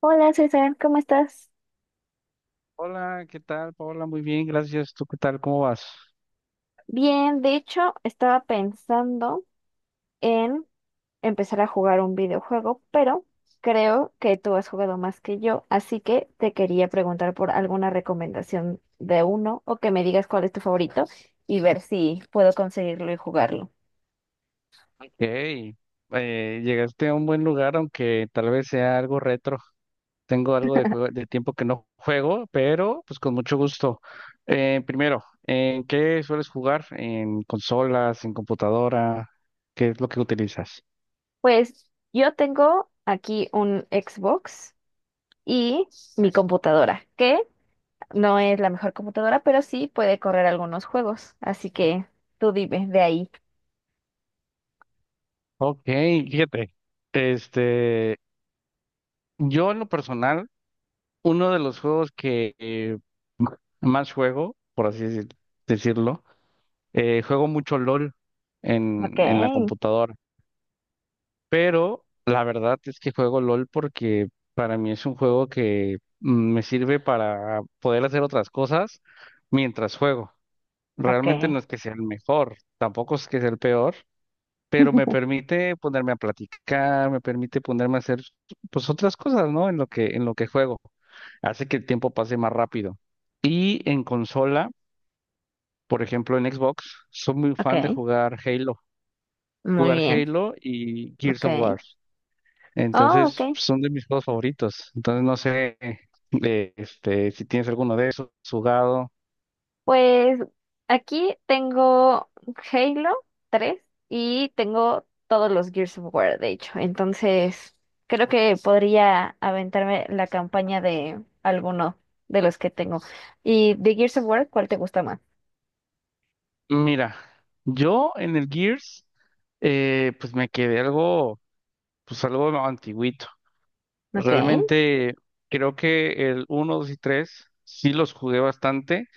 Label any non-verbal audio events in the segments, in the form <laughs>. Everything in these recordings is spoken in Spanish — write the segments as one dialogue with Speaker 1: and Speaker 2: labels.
Speaker 1: Hola César, ¿cómo estás?
Speaker 2: Hola, ¿qué tal, Paola? Muy bien, gracias. ¿Tú qué tal? ¿Cómo vas?
Speaker 1: Bien, de hecho, estaba pensando en empezar a jugar un videojuego, pero creo que tú has jugado más que yo, así que te quería preguntar por alguna recomendación de uno o que me digas cuál es tu favorito y ver si puedo conseguirlo y jugarlo.
Speaker 2: Hey, llegaste a un buen lugar, aunque tal vez sea algo retro. Tengo algo de tiempo que no juego, pero pues con mucho gusto. Primero, ¿en qué sueles jugar? ¿En consolas, en computadora? ¿Qué es lo que utilizas?
Speaker 1: Pues yo tengo aquí un Xbox y mi computadora, que no es la mejor computadora, pero sí puede correr algunos juegos, así que tú dime de ahí.
Speaker 2: Ok, fíjate. Este, yo en lo personal, uno de los juegos que más juego, por decirlo, juego mucho LOL
Speaker 1: Ok,
Speaker 2: en la computadora, pero la verdad es que juego LOL porque para mí es un juego que me sirve para poder hacer otras cosas mientras juego. Realmente
Speaker 1: ok,
Speaker 2: no es que sea el mejor, tampoco es que sea el peor, pero me
Speaker 1: <laughs>
Speaker 2: permite ponerme a platicar, me permite ponerme a hacer pues otras cosas, ¿no? En lo que juego. Hace que el tiempo pase más rápido. Y en consola, por ejemplo en Xbox, soy muy fan de
Speaker 1: ok,
Speaker 2: jugar Halo.
Speaker 1: muy
Speaker 2: Jugar
Speaker 1: bien,
Speaker 2: Halo y Gears
Speaker 1: ok.
Speaker 2: of War.
Speaker 1: Oh,
Speaker 2: Entonces,
Speaker 1: ok.
Speaker 2: son de mis juegos favoritos. Entonces, no sé, si tienes alguno de esos jugado.
Speaker 1: Pues aquí tengo Halo 3 y tengo todos los Gears of War, de hecho. Entonces, creo que podría aventarme la campaña de alguno de los que tengo. Y de Gears of War, ¿cuál te gusta más?
Speaker 2: Mira, yo en el Gears, pues me quedé algo, pues algo antiguito.
Speaker 1: Ok,
Speaker 2: Realmente creo que el uno, 2 y 3 sí los jugué bastante,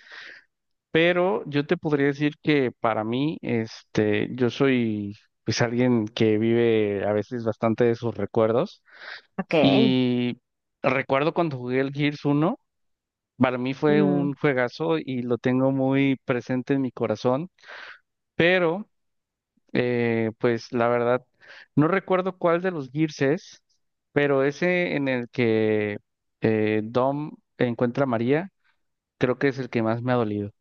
Speaker 2: pero yo te podría decir que para mí, yo soy pues alguien que vive a veces bastante de sus recuerdos.
Speaker 1: ok.
Speaker 2: Y recuerdo cuando jugué el Gears uno para mí fue
Speaker 1: Mm.
Speaker 2: un juegazo y lo tengo muy presente en mi corazón, pero pues la verdad, no recuerdo cuál de los Gears es, pero ese en el que Dom encuentra a María, creo que es el que más me ha dolido.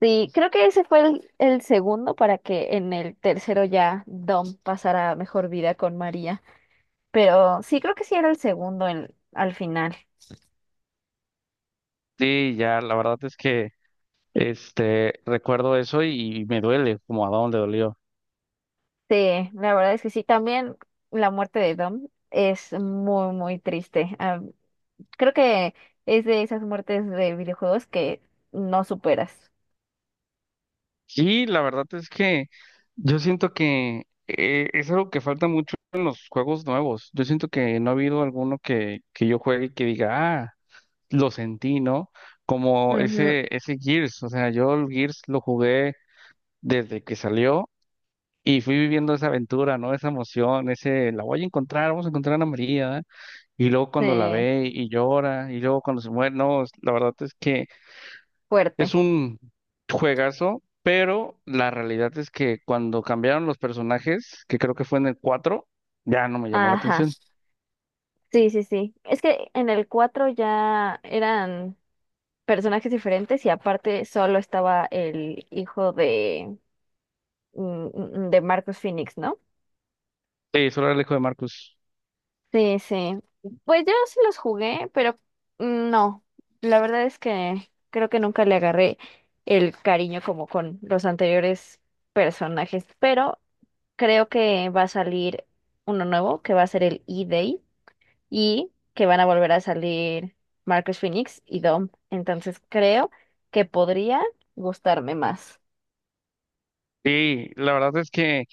Speaker 1: Sí, creo que ese fue el segundo para que en el tercero ya Dom pasara mejor vida con María. Pero sí, creo que sí era el segundo al final.
Speaker 2: Sí, ya, la verdad es que este recuerdo eso y me duele como a Dom le dolió.
Speaker 1: Sí, la verdad es que sí. También la muerte de Dom es muy, muy triste. Ah, creo que es de esas muertes de videojuegos que no superas.
Speaker 2: Sí, la verdad es que yo siento que es algo que falta mucho en los juegos nuevos. Yo siento que no ha habido alguno que yo juegue y que diga, ah, lo sentí, ¿no? Como
Speaker 1: Ujú,
Speaker 2: ese Gears. O sea, yo el Gears lo jugué desde que salió y fui viviendo esa aventura, ¿no? Esa emoción, ese, la voy a encontrar, vamos a encontrar a Ana María. Y luego cuando la
Speaker 1: sí,
Speaker 2: ve y llora, y luego cuando se muere, no, la verdad es que
Speaker 1: fuerte.
Speaker 2: es un juegazo, pero la realidad es que cuando cambiaron los personajes, que creo que fue en el 4 ya no me llamó la
Speaker 1: Ajá.
Speaker 2: atención.
Speaker 1: Sí, sí, sí. Es que en el 4 ya eran personajes diferentes y aparte solo estaba el hijo de, mm, de Marcus Phoenix, ¿no?
Speaker 2: Sí, solo era el hijo de Marcus.
Speaker 1: Sí, sí. Pues yo sí los jugué, pero no. La verdad es que creo que nunca le agarré el cariño como con los anteriores personajes. Pero creo que va a salir uno nuevo, que va a ser el E-Day, y que van a volver a salir Marcus Phoenix y Dom. Entonces creo que podría gustarme más.
Speaker 2: Y la verdad es que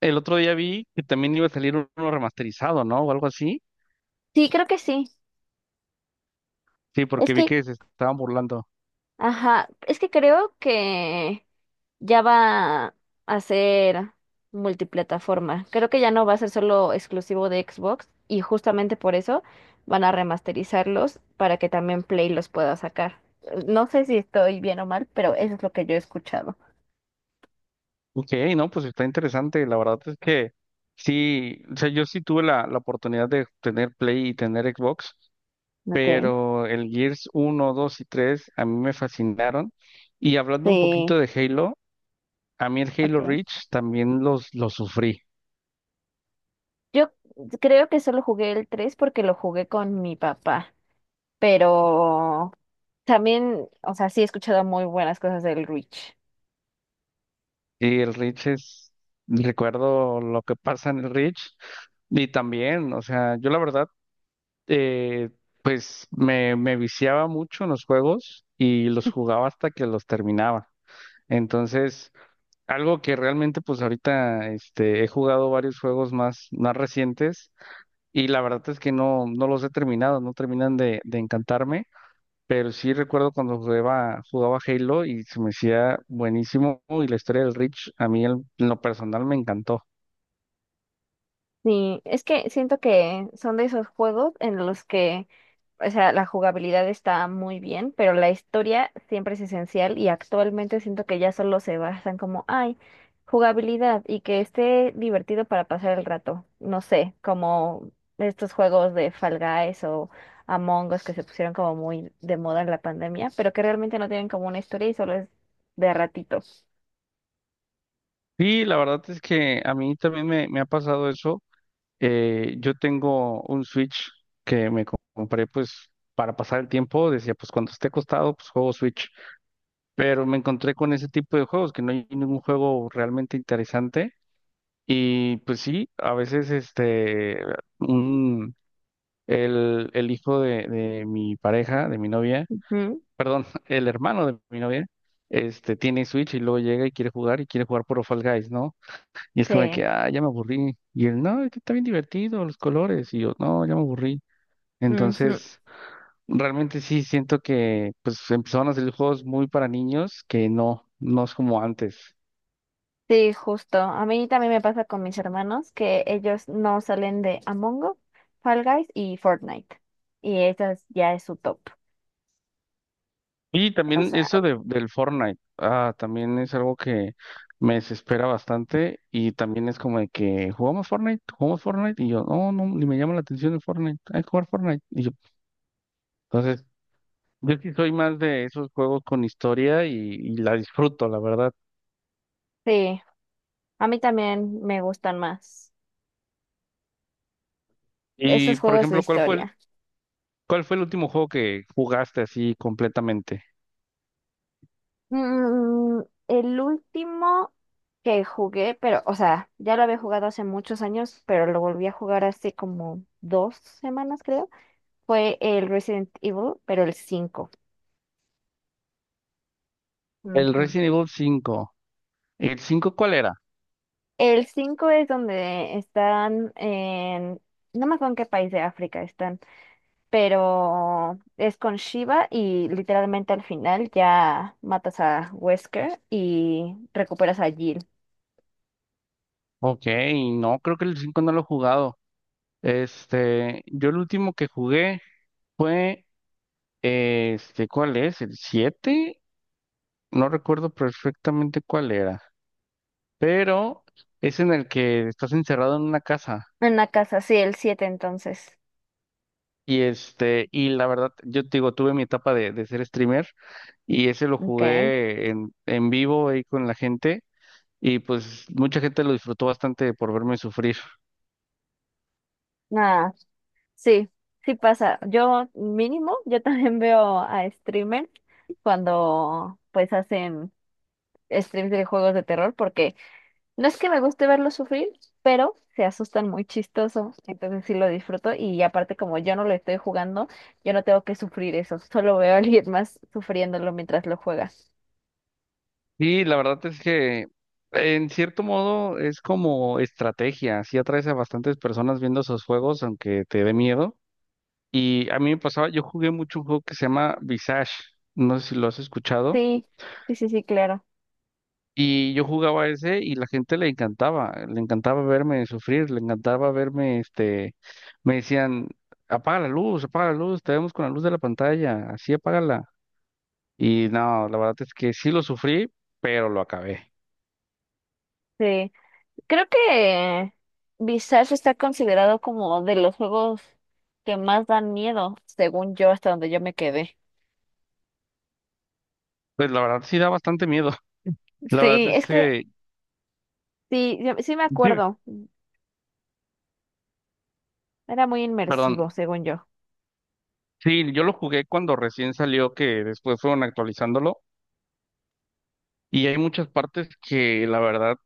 Speaker 2: el otro día vi que también iba a salir uno remasterizado, ¿no? O algo así.
Speaker 1: Sí, creo que sí.
Speaker 2: Sí,
Speaker 1: Es
Speaker 2: porque vi
Speaker 1: que,
Speaker 2: que se estaban burlando.
Speaker 1: ajá, es que creo que ya va a ser multiplataforma. Creo que ya no va a ser solo exclusivo de Xbox y justamente por eso van a remasterizarlos para que también Play los pueda sacar. No sé si estoy bien o mal, pero eso es lo que yo he escuchado.
Speaker 2: Ok, no, pues está interesante. La verdad es que sí, o sea, yo sí tuve la oportunidad de tener Play y tener Xbox.
Speaker 1: Okay,
Speaker 2: Pero el Gears uno 2 y 3 a mí me fascinaron. Y hablando un
Speaker 1: sí,
Speaker 2: poquito de Halo, a mí el Halo
Speaker 1: okay.
Speaker 2: Reach también lo sufrí.
Speaker 1: Yo creo que solo jugué el 3 porque lo jugué con mi papá, pero también, o sea, sí he escuchado muy buenas cosas del Reach.
Speaker 2: Y el Reach es, recuerdo lo que pasa en el Reach. Y también, o sea, yo la verdad, eh, pues me viciaba mucho en los juegos y los jugaba hasta que los terminaba. Entonces, algo que realmente pues ahorita he jugado varios juegos más, más recientes. Y la verdad es que no, no los he terminado, no terminan de encantarme, pero sí recuerdo cuando jugaba Halo y se me hacía buenísimo y la historia del Reach a mí en lo personal me encantó.
Speaker 1: Sí, es que siento que son de esos juegos en los que o sea, la jugabilidad está muy bien, pero la historia siempre es esencial y actualmente siento que ya solo se basan como, ay, jugabilidad y que esté divertido para pasar el rato. No sé, como estos juegos de Fall Guys o Among Us que se pusieron como muy de moda en la pandemia, pero que realmente no tienen como una historia y solo es de ratitos.
Speaker 2: Y la verdad es que a mí también me ha pasado eso. Yo tengo un Switch que me compré pues para pasar el tiempo, decía pues cuando esté acostado pues juego Switch, pero me encontré con ese tipo de juegos que no hay ningún juego realmente interesante. Y pues sí, a veces un, el hijo de mi pareja, de mi novia, perdón, <laughs> el hermano de mi novia, tiene Switch y luego llega y quiere jugar por Fall Guys, ¿no? Y es como de que,
Speaker 1: Sí.
Speaker 2: ah, ya me aburrí. Y él, no, es que está bien divertido, los colores. Y yo, no, ya me aburrí.
Speaker 1: Ujú.
Speaker 2: Entonces, realmente sí siento que, pues, empezaron a hacer juegos muy para niños que no, no es como antes.
Speaker 1: Sí, justo. A mí también me pasa con mis hermanos que ellos no salen de Among Us, Fall Guys y Fortnite. Y esas ya es su top.
Speaker 2: Y
Speaker 1: O
Speaker 2: también
Speaker 1: sea,
Speaker 2: eso del Fortnite, ah, también es algo que me desespera bastante y también es como de que jugamos Fortnite y yo, no, no, ni me llama la atención el Fortnite, hay que jugar Fortnite. Y yo, entonces, yo sí soy más de esos juegos con historia y la disfruto, la verdad.
Speaker 1: sí, a mí también me gustan más
Speaker 2: Y,
Speaker 1: esos
Speaker 2: por
Speaker 1: juegos de
Speaker 2: ejemplo,
Speaker 1: historia.
Speaker 2: ¿cuál fue el último juego que jugaste así completamente?
Speaker 1: Mm, el último que jugué, pero, o sea, ya lo había jugado hace muchos años, pero lo volví a jugar hace como 2 semanas, creo, fue el Resident Evil, pero el 5.
Speaker 2: El Resident Evil cinco. ¿El 5 cuál era?
Speaker 1: El 5 es donde están en, no me acuerdo en qué país de África están, pero es con Shiva y literalmente al final ya matas a Wesker y recuperas a Jill.
Speaker 2: Ok, no, creo que el 5 no lo he jugado. Este, yo el último que jugué... Fue, ¿cuál es? ¿El siete? No recuerdo perfectamente cuál era, pero es en el que estás encerrado en una casa.
Speaker 1: En la casa, sí, el siete entonces.
Speaker 2: Y este, y la verdad, yo te digo, tuve mi etapa de ser streamer y ese lo
Speaker 1: Ok.
Speaker 2: jugué en vivo ahí con la gente y pues mucha gente lo disfrutó bastante por verme sufrir.
Speaker 1: Nada, sí, sí pasa. Yo mínimo, yo también veo a streamers cuando pues hacen streams de juegos de terror porque no es que me guste verlos sufrir, pero se asustan muy chistoso, entonces sí lo disfruto y aparte como yo no lo estoy jugando, yo no tengo que sufrir eso, solo veo a alguien más sufriéndolo mientras lo juega.
Speaker 2: Y la verdad es que en cierto modo es como estrategia, sí atraes a bastantes personas viendo esos juegos, aunque te dé miedo. Y a mí me pasaba, yo jugué mucho un juego que se llama Visage, no sé si lo has escuchado.
Speaker 1: Sí, sí, sí, sí, claro.
Speaker 2: Y yo jugaba ese y la gente le encantaba verme sufrir, le encantaba verme, me decían, apaga la luz, te vemos con la luz de la pantalla, así apágala. Y no, la verdad es que sí lo sufrí, pero lo acabé.
Speaker 1: Sí. Creo que Visage está considerado como de los juegos que más dan miedo, según yo, hasta donde yo me quedé.
Speaker 2: Pues la verdad sí da bastante miedo. <laughs> La verdad
Speaker 1: Sí,
Speaker 2: es
Speaker 1: es que
Speaker 2: que,
Speaker 1: sí, sí me
Speaker 2: dime,
Speaker 1: acuerdo. Era muy
Speaker 2: perdón,
Speaker 1: inmersivo, según yo.
Speaker 2: sí, yo lo jugué cuando recién salió, que después fueron actualizándolo, y hay muchas partes que la verdad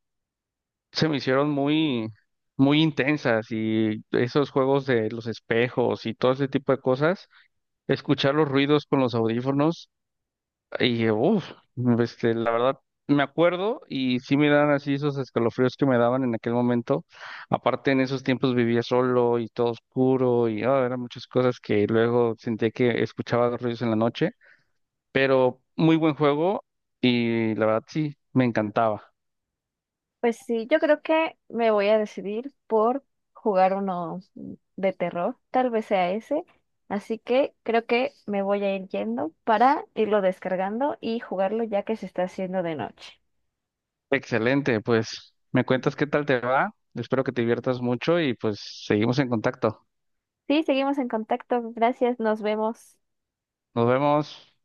Speaker 2: se me hicieron muy, muy intensas y esos juegos de los espejos y todo ese tipo de cosas, escuchar los ruidos con los audífonos y uff, este, la- me acuerdo y sí me dan así esos escalofríos que me daban en aquel momento. Aparte en esos tiempos vivía solo y todo oscuro y ah, eran muchas cosas que luego sentía que escuchaba los ruidos en la noche, pero muy buen juego y la verdad sí, me encantaba.
Speaker 1: Pues sí, yo creo que me voy a decidir por jugar uno de terror, tal vez sea ese, así que creo que me voy a ir yendo para irlo descargando y jugarlo ya que se está haciendo de noche.
Speaker 2: Excelente, pues me cuentas qué tal te va. Espero que te diviertas mucho y pues seguimos en contacto.
Speaker 1: Sí, seguimos en contacto, gracias, nos vemos.
Speaker 2: Nos vemos.